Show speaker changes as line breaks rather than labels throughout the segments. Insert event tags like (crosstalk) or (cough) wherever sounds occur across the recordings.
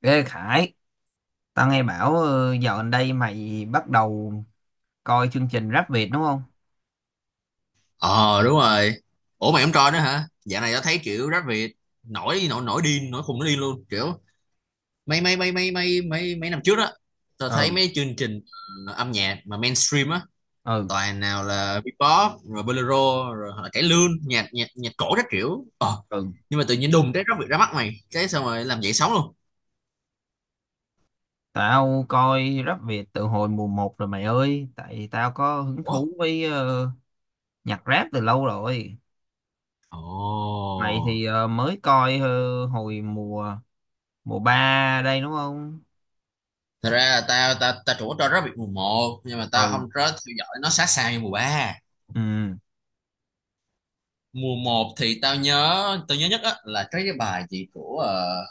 Ê Khải, tao nghe bảo dạo gần đây mày bắt đầu coi chương trình Rap Việt đúng không?
Ờ, đúng rồi. Ủa mày không coi nữa hả? Dạo này tao thấy kiểu rap Việt nổi nổi nổi điên, nổi khùng nó điên luôn, kiểu mấy mấy mấy mấy mấy mấy mấy năm trước á, tao thấy
Ừ,
mấy chương trình âm nhạc mà mainstream á,
ừ,
toàn nào là Bebop rồi bolero rồi hoặc là cải lương, nhạc nhạc nhạc cổ các kiểu. Ờ.
ừ.
Nhưng mà tự nhiên đùng cái rap Việt ra mắt mày, cái xong rồi làm dậy sóng luôn.
Tao coi Rap Việt từ hồi mùa một rồi mày ơi, tại tao có hứng
Ủa?
thú với nhạc rap từ lâu rồi. Mày
Ồ.
thì mới coi hồi mùa mùa 3 đây đúng không?
Thật ra là tao tao tao chủ cho rap Việt mùa một nhưng mà tao
Ừ,
không có theo dõi nó sát sao như mùa 3.
ừ.
Mùa một thì tao nhớ nhất á là cái bài gì của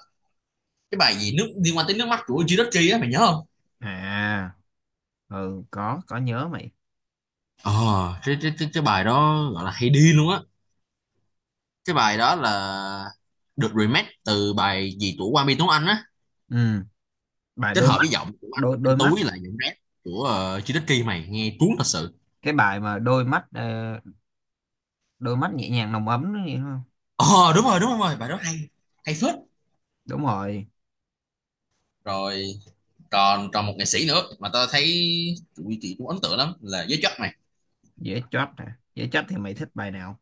cái bài gì nước liên quan tới nước mắt của Jirachi á, mày nhớ không?
À, ừ, có nhớ mày.
Ờ, cái bài đó gọi là hay đi luôn á. Cái bài đó là được remake từ bài gì của Quang Minh Tuấn Anh á,
Ừ, bài
kết
đôi
hợp
mắt,
với giọng của anh
đôi đôi
anh
mắt,
Tú với lại giọng rap của Jirachi mày nghe cuốn thật sự.
cái bài mà đôi mắt đôi mắt nhẹ nhàng nồng ấm đó nhỉ?
Ờ đúng rồi đúng rồi, bài đó hay hay phết.
Đúng rồi,
Rồi còn còn một nghệ sĩ nữa mà tao thấy tụi chị cũng ấn tượng lắm là giới chất mày,
dễ chót nè. Dễ chót thì mày thích bài nào?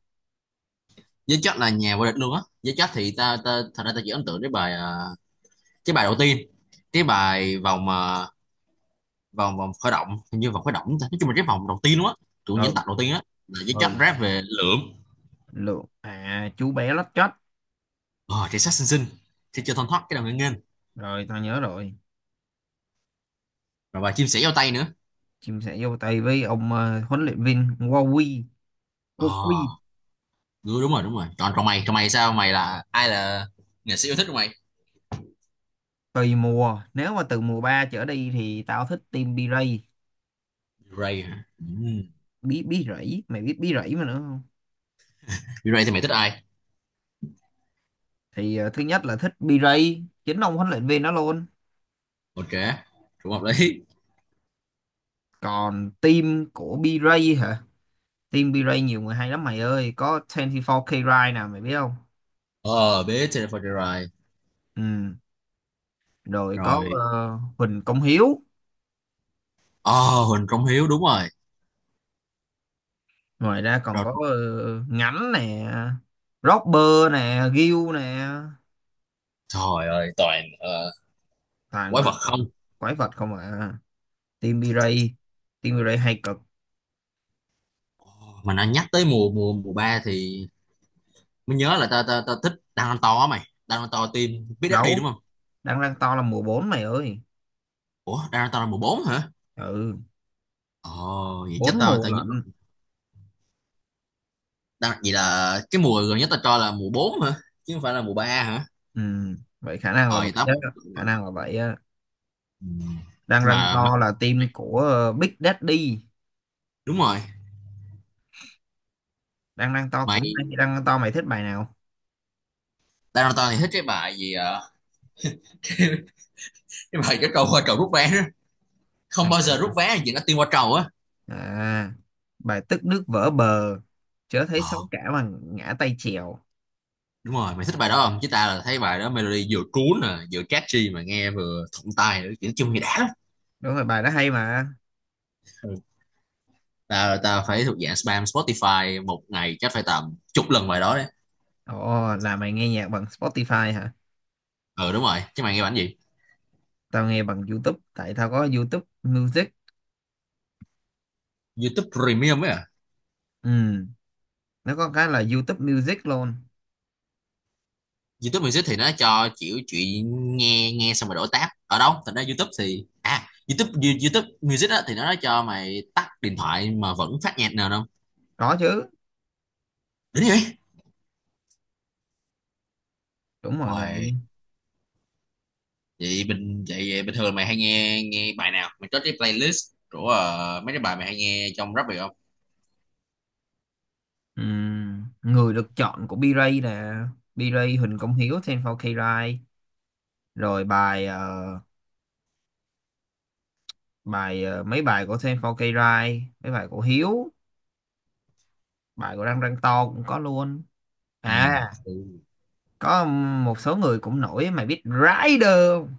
với chất là nhà vô địch luôn á. Với chất thì ta, ta thật ra ta chỉ ấn tượng với bài à, cái bài đầu tiên, cái bài vòng mà vòng vòng khởi động, hình như vòng khởi động, ta nói chung là cái vòng đầu tiên luôn á, tụi những
Ừ,
tập đầu tiên á, là với chất
ừ,
rap về lượm.
lượng à, chú bé lót chót.
Ờ thì sát xinh xinh thì chưa thoăn thoát cái đầu nghênh nghênh,
Rồi tao nhớ rồi.
rồi bài chim sẻ giao tay nữa.
Chim sẻ vô tay với ông huấn luyện viên Wowi,
Ờ
cô Quy.
đúng đúng rồi đúng rồi. Còn còn mày, còn mày sao, mày là ai, là nghệ sĩ yêu thích của mày?
Tùy mùa, nếu mà từ mùa 3 trở đi thì tao thích team B-Ray.
Ray hả, ừ.
Bí bí rẫy, mày biết bí rẫy mà nữa không?
Ray thì mày thích ai?
Thì thứ nhất là thích B-Ray, chính ông huấn luyện viên đó luôn.
Ok, cũng hợp lý.
Còn team của B-Ray hả? Team B-Ray nhiều người hay lắm mày ơi, có 24K Ride nè, mày biết không?
Ờ Bé Jennifer Ray.
Ừ, rồi có
Rồi
Huỳnh Công Hiếu.
ờ Huỳnh Công Hiếu, đúng rồi.
Ngoài ra còn
Rồi,
có Ngánh nè, Robber nè, Gil nè.
trời ơi, toàn
Toàn
quái
gọi
vật không.
là quái vật không à. Team B-Ray, Team B-Ray hay cực.
Mà nó nhắc tới mùa mùa mùa 3 thì mới nhớ là tao tao tao thích Danganronpa á mày. Danganronpa team biết đi
Đấu,
đúng không?
đang đang to là mùa bốn mày ơi.
Ủa Danganronpa là mùa 4 hả?
Ừ,
Ồ vậy chắc
bốn
tao
mùa
tao nhớ
lận.
rồi. Vậy là cái mùa gần nhất tao cho là mùa 4 hả? Chứ không phải là mùa 3 hả?
Ừ, vậy khả năng
Ờ
là vậy
vậy tao
á,
đúng
khả
rồi.
năng là vậy á.
Ừ.
Đang đang
Mà mày,
to là team của Big Daddy.
đúng rồi.
Đang đang to cũng
Mày
hay, đang đang to mày thích bài nào?
Danganronpa thì thích cái bài gì ờ, (laughs) cái bài cái trâu qua trầu rút vé đó.
À,
Không bao giờ rút vé là chuyện nó tiên qua trầu á.
à, bài tức nước vỡ bờ, chớ thấy
Ồ,
sóng cả mà ngã tay chèo.
đúng rồi, mày thích bài đó không? Chứ ta là thấy bài đó melody vừa cuốn nè, vừa catchy mà nghe vừa thuận tai nữa, kiểu chung nghe đã lắm.
Đúng rồi, bài đó hay mà.
Ừ. ta ta phải thuộc dạng spam Spotify một ngày chắc phải tầm chục lần bài đó đấy.
Ồ, là mày nghe nhạc bằng Spotify hả?
Ừ đúng rồi, chứ mày nghe bản gì?
Tao nghe bằng YouTube tại tao có YouTube Music.
YouTube Premium ấy à?
Ừ, nó có cái là YouTube Music luôn.
YouTube Music thì nó cho kiểu chuyện nghe nghe xong rồi đổi tab ở đâu thành ra YouTube, thì à YouTube YouTube Music á thì nó cho mày tắt điện thoại mà vẫn phát nhạc nào không?
Có chứ.
Đúng vậy.
Đúng rồi mày.
Uầy, vậy bình thường mày hay nghe nghe bài nào, mày có cái playlist của mấy cái bài mày hay nghe trong rap được không?
Ừ. Người được chọn của B-Ray nè, B-Ray, Huỳnh Công Hiếu, 24K Rai, rồi bài bài mấy bài của 24K Rai, mấy bài của Hiếu, bài của Đăng Đăng To cũng có luôn.
Ừ,
À,
ừ.
có một số người cũng nổi, mày biết Rider không?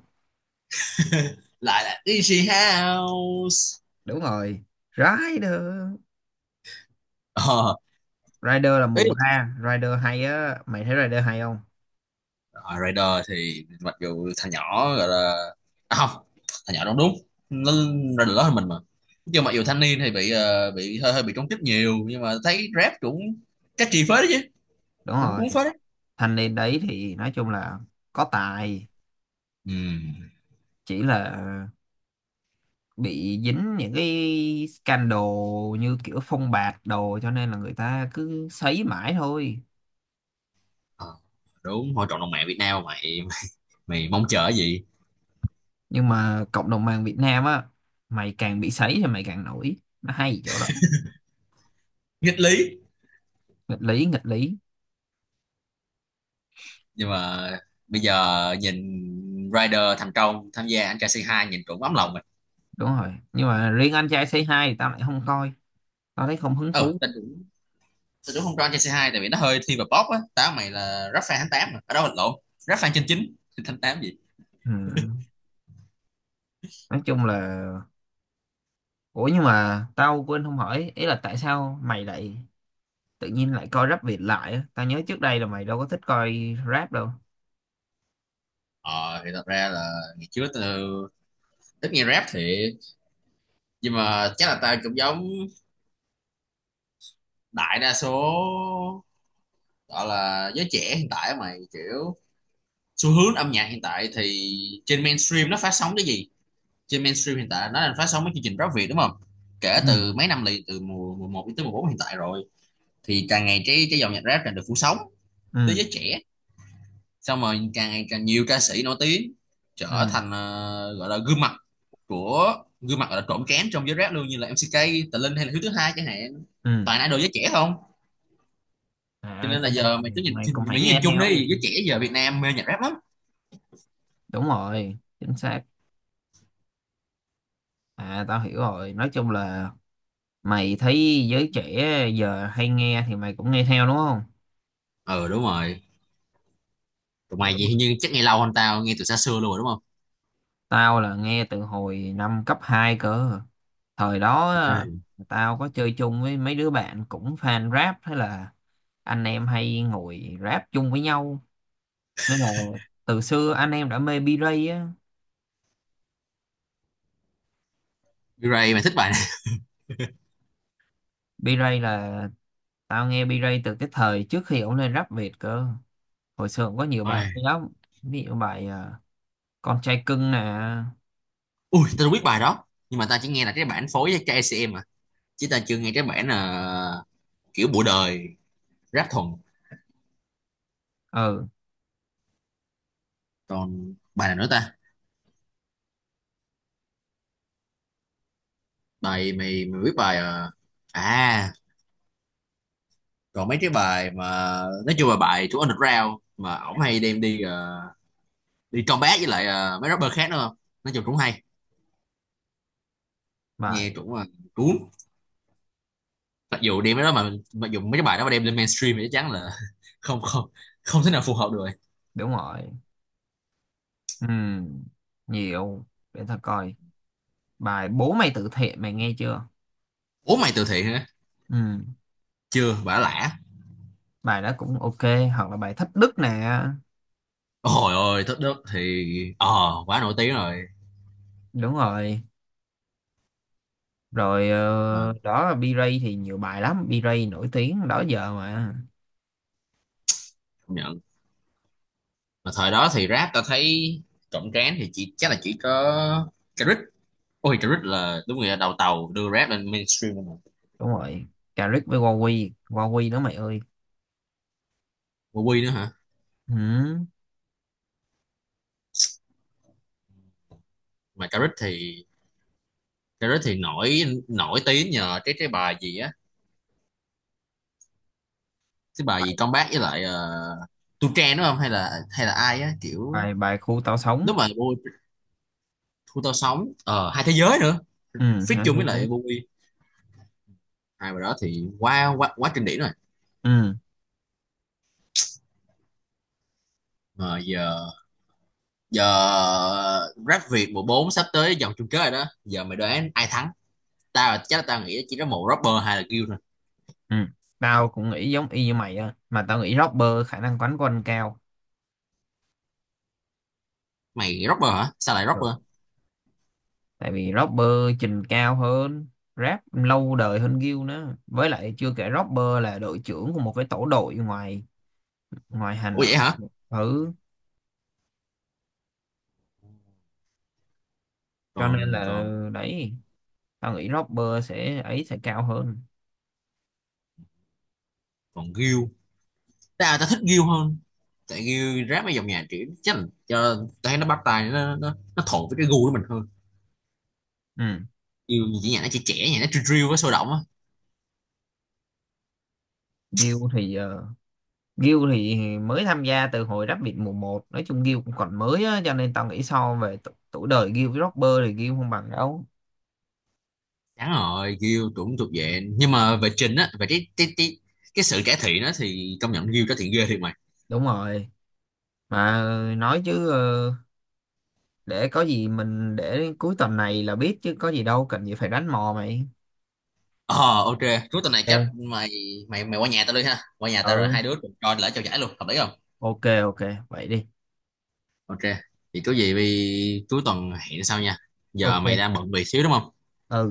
(laughs) Lại là Easy House.
Đúng rồi, Rider.
ờ
Rider là mùa
Ý
ba, Rider hay á, mày thấy Rider hay không?
là Rider thì mặc dù thằng nhỏ gọi là à, không thằng nhỏ đúng đúng, nó ra được lớn hơn mình mà, nhưng mặc dù thanh niên thì bị bị hơi hơi bị công kích nhiều, nhưng mà thấy rap cũng catchy chi phết đấy chứ,
Đúng
cũng cuốn
rồi,
phết đấy.
thanh niên đấy thì nói chung là có tài,
Ừ.
chỉ là bị dính những cái scandal như kiểu phong bạc đồ, cho nên là người ta cứ sấy mãi thôi.
Ờ, đúng thôi, cộng đồng mạng Việt Nam mày, mày mong chờ cái gì?
Nhưng mà cộng đồng mạng Việt Nam á, mày càng bị sấy thì mày càng nổi, nó hay chỗ đó.
Nghịch lý.
Nghịch lý, nghịch lý.
Nhưng mà bây giờ nhìn Rider thành công tham gia anh trai c hai, nhìn cũng ấm lòng mình.
Đúng rồi, nhưng mà riêng anh trai Say Hi thì tao lại không coi, tao thấy không hứng
Ừ
thú.
tao cũng không cho anh trai c hai tại vì nó hơi thiên về pop á. Tao mày là rap fan tháng 8 mà, ở đâu là lộn, rap fan trên chín tháng tám gì.
Ừ. Nói chung là, ủa nhưng mà tao quên không hỏi, ý là tại sao mày lại tự nhiên lại coi rap Việt lại á, tao nhớ trước đây là mày đâu có thích coi rap đâu.
Ờ thì thật ra là ngày trước tao ít nghe rap thiệt, nhưng mà chắc là tao cũng giống đại đa số gọi là giới trẻ hiện tại á mày, kiểu xu hướng âm nhạc hiện tại thì trên mainstream nó phát sóng cái gì. Trên mainstream hiện tại nó đang phát sóng mấy chương trình rap Việt đúng không, kể
Ừ,
từ mấy năm liền, từ mùa mùa 1 đến mùa 4 hiện tại rồi, thì càng ngày cái dòng nhạc rap càng được phủ sóng tới
ừ,
giới trẻ. Xong rồi càng ngày càng nhiều ca sĩ nổi tiếng trở
ừ,
thành gọi là gương mặt của, gương mặt gọi là trộn trán trong giới rap luôn, như là MCK, Tà Linh hay là Hiếu thứ hai chẳng hạn,
ừ.
toàn idol giới trẻ không. Cho
À
nên là
cho nên
giờ mày
mày,
cứ nhìn,
mày cũng phải nghe
chung
theo gì.
đi, giới trẻ giờ Việt Nam mê nhạc rap lắm.
Đúng rồi, chính xác. À tao hiểu rồi, nói chung là mày thấy giới trẻ giờ hay nghe thì mày cũng nghe theo đúng không?
Ừ đúng rồi, tụi mày
Hiểu.
gì nhưng chắc nghe lâu hơn, tao nghe từ xa xưa luôn rồi đúng không?
Tao là nghe từ hồi năm cấp 2 cơ. Thời đó á,
Ừ.
tao có chơi chung với mấy đứa bạn cũng fan rap, thế là anh em hay ngồi rap chung với nhau, nên là từ xưa anh em đã mê B-Ray á.
Mirai mày thích bài này.
B-Ray là, tao nghe B-Ray từ cái thời trước khi ổng lên rap Việt cơ, hồi xưa cũng có nhiều bài hay lắm. Ví dụ bài con trai cưng nè.
Ui, tao biết bài đó. Nhưng mà tao chỉ nghe là cái bản phối với KCM à. Chứ tao chưa nghe cái bản kiểu bụi đời rap thuần.
Ừ,
Còn bài nào nữa ta? Bài mày mày biết bài à còn mấy cái bài mà nói chung là bài của Underground mà ổng hay đem đi đi combat với lại mấy rapper khác nữa không? Nói chung cũng hay. Nghe
bài,
cũng là cuốn. Mặc dù đem cái đó mà mặc dù mấy cái bài đó mà đem lên mainstream thì chắc chắn là (laughs) không không không thể nào phù hợp được. Rồi.
đúng rồi. Ừ, nhiều, để tao coi. Bài bố mày tự thiện mày nghe chưa?
Ủa mày từ thiện hả?
Ừ,
Chưa, bả lả.
bài đó cũng ok. Hoặc là bài thách đức nè.
Ôi ôi, Thất Đức thì ờ quá nổi tiếng rồi
Đúng rồi, rồi
mà.
đó, B-Ray thì nhiều bài lắm, B-Ray nổi tiếng đó giờ mà.
Công nhận mà thời đó thì rap ta thấy cộng tráng thì chỉ, chắc là chỉ có Caric. Ôi Caric là đúng người đầu tàu đưa rap lên mainstream rồi mà.
Đúng rồi, Caric với Huawei, Huawei đó mày ơi.
Mà Quy nữa hả?
Ừ.
Mà Caric thì nổi nổi tiếng nhờ cái bài gì á, cái bài
bài,
gì comeback với lại Tu Trang đúng không, hay là hay là ai á kiểu
bài bài khu tao sống.
lúc mà Bui thu tao sống ờ hai thế giới nữa,
Ừ
feat
hả,
chung với
hay nữa.
lại Bui, hai bài đó thì quá quá quá kinh điển rồi.
Ừ,
Mà giờ giờ rap Việt mùa 4 sắp tới vòng chung kết rồi đó, giờ mày đoán ai thắng? Tao chắc là tao nghĩ chỉ có một rapper hay là Gil thôi.
ừ, tao cũng nghĩ giống y như mày á, mà tao nghĩ rapper khả năng quánh của anh cao.
Mày rapper hả, sao lại
Ừ.
rapper?
Tại vì rapper trình cao hơn, rap lâu đời hơn Gil nữa, với lại chưa kể rapper là đội trưởng của một cái tổ đội ngoài, ngoài hành
Ủa
à.
vậy hả?
Ừ. Cho nên
Còn
là
còn
đấy, tao nghĩ Robber sẽ ấy sẽ cao hơn.
Còn Gil, tao tao thích Gil hơn, tại Gil rap mấy dòng nhạc kiểu chắc là cho, tao thấy nó bắt tai, nó thuận với cái gu của mình hơn.
Ừ.
Gil chỉ nhạc nó chỉ trẻ, nhạc nó drill drill với sôi động á.
Gil thì uh, Gil thì mới tham gia từ hồi Rabbit mùa một, nói chung Gil cũng còn mới á, cho nên tao nghĩ so về tuổi đời Gil với Robber thì Gil không bằng đâu.
Chán rồi Gil cũng thuộc về, nhưng mà về trình á, về cái sự cải thiện đó thì công nhận Gil cải thiện ghê thiệt mày.
Đúng rồi, mà nói chứ để có gì mình để đến cuối tuần này là biết, chứ có gì đâu cần gì phải đánh mò mày.
Ờ ok. Cuối tuần này chắc
Ok.
mày mày mày qua nhà tao đi ha, qua nhà tao rồi
Ừ,
hai đứa cùng coi lễ trao giải luôn, hợp lý không?
ok, ok, vậy đi.
Ok. Thì có gì vì cuối tuần hẹn sau nha, giờ mày
Ok.
đang bận việc xíu đúng không?
Ừ,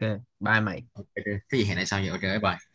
ok, bye mày.
Ok ok. Cái gì hẹn lại sau vậy, ok bye bye.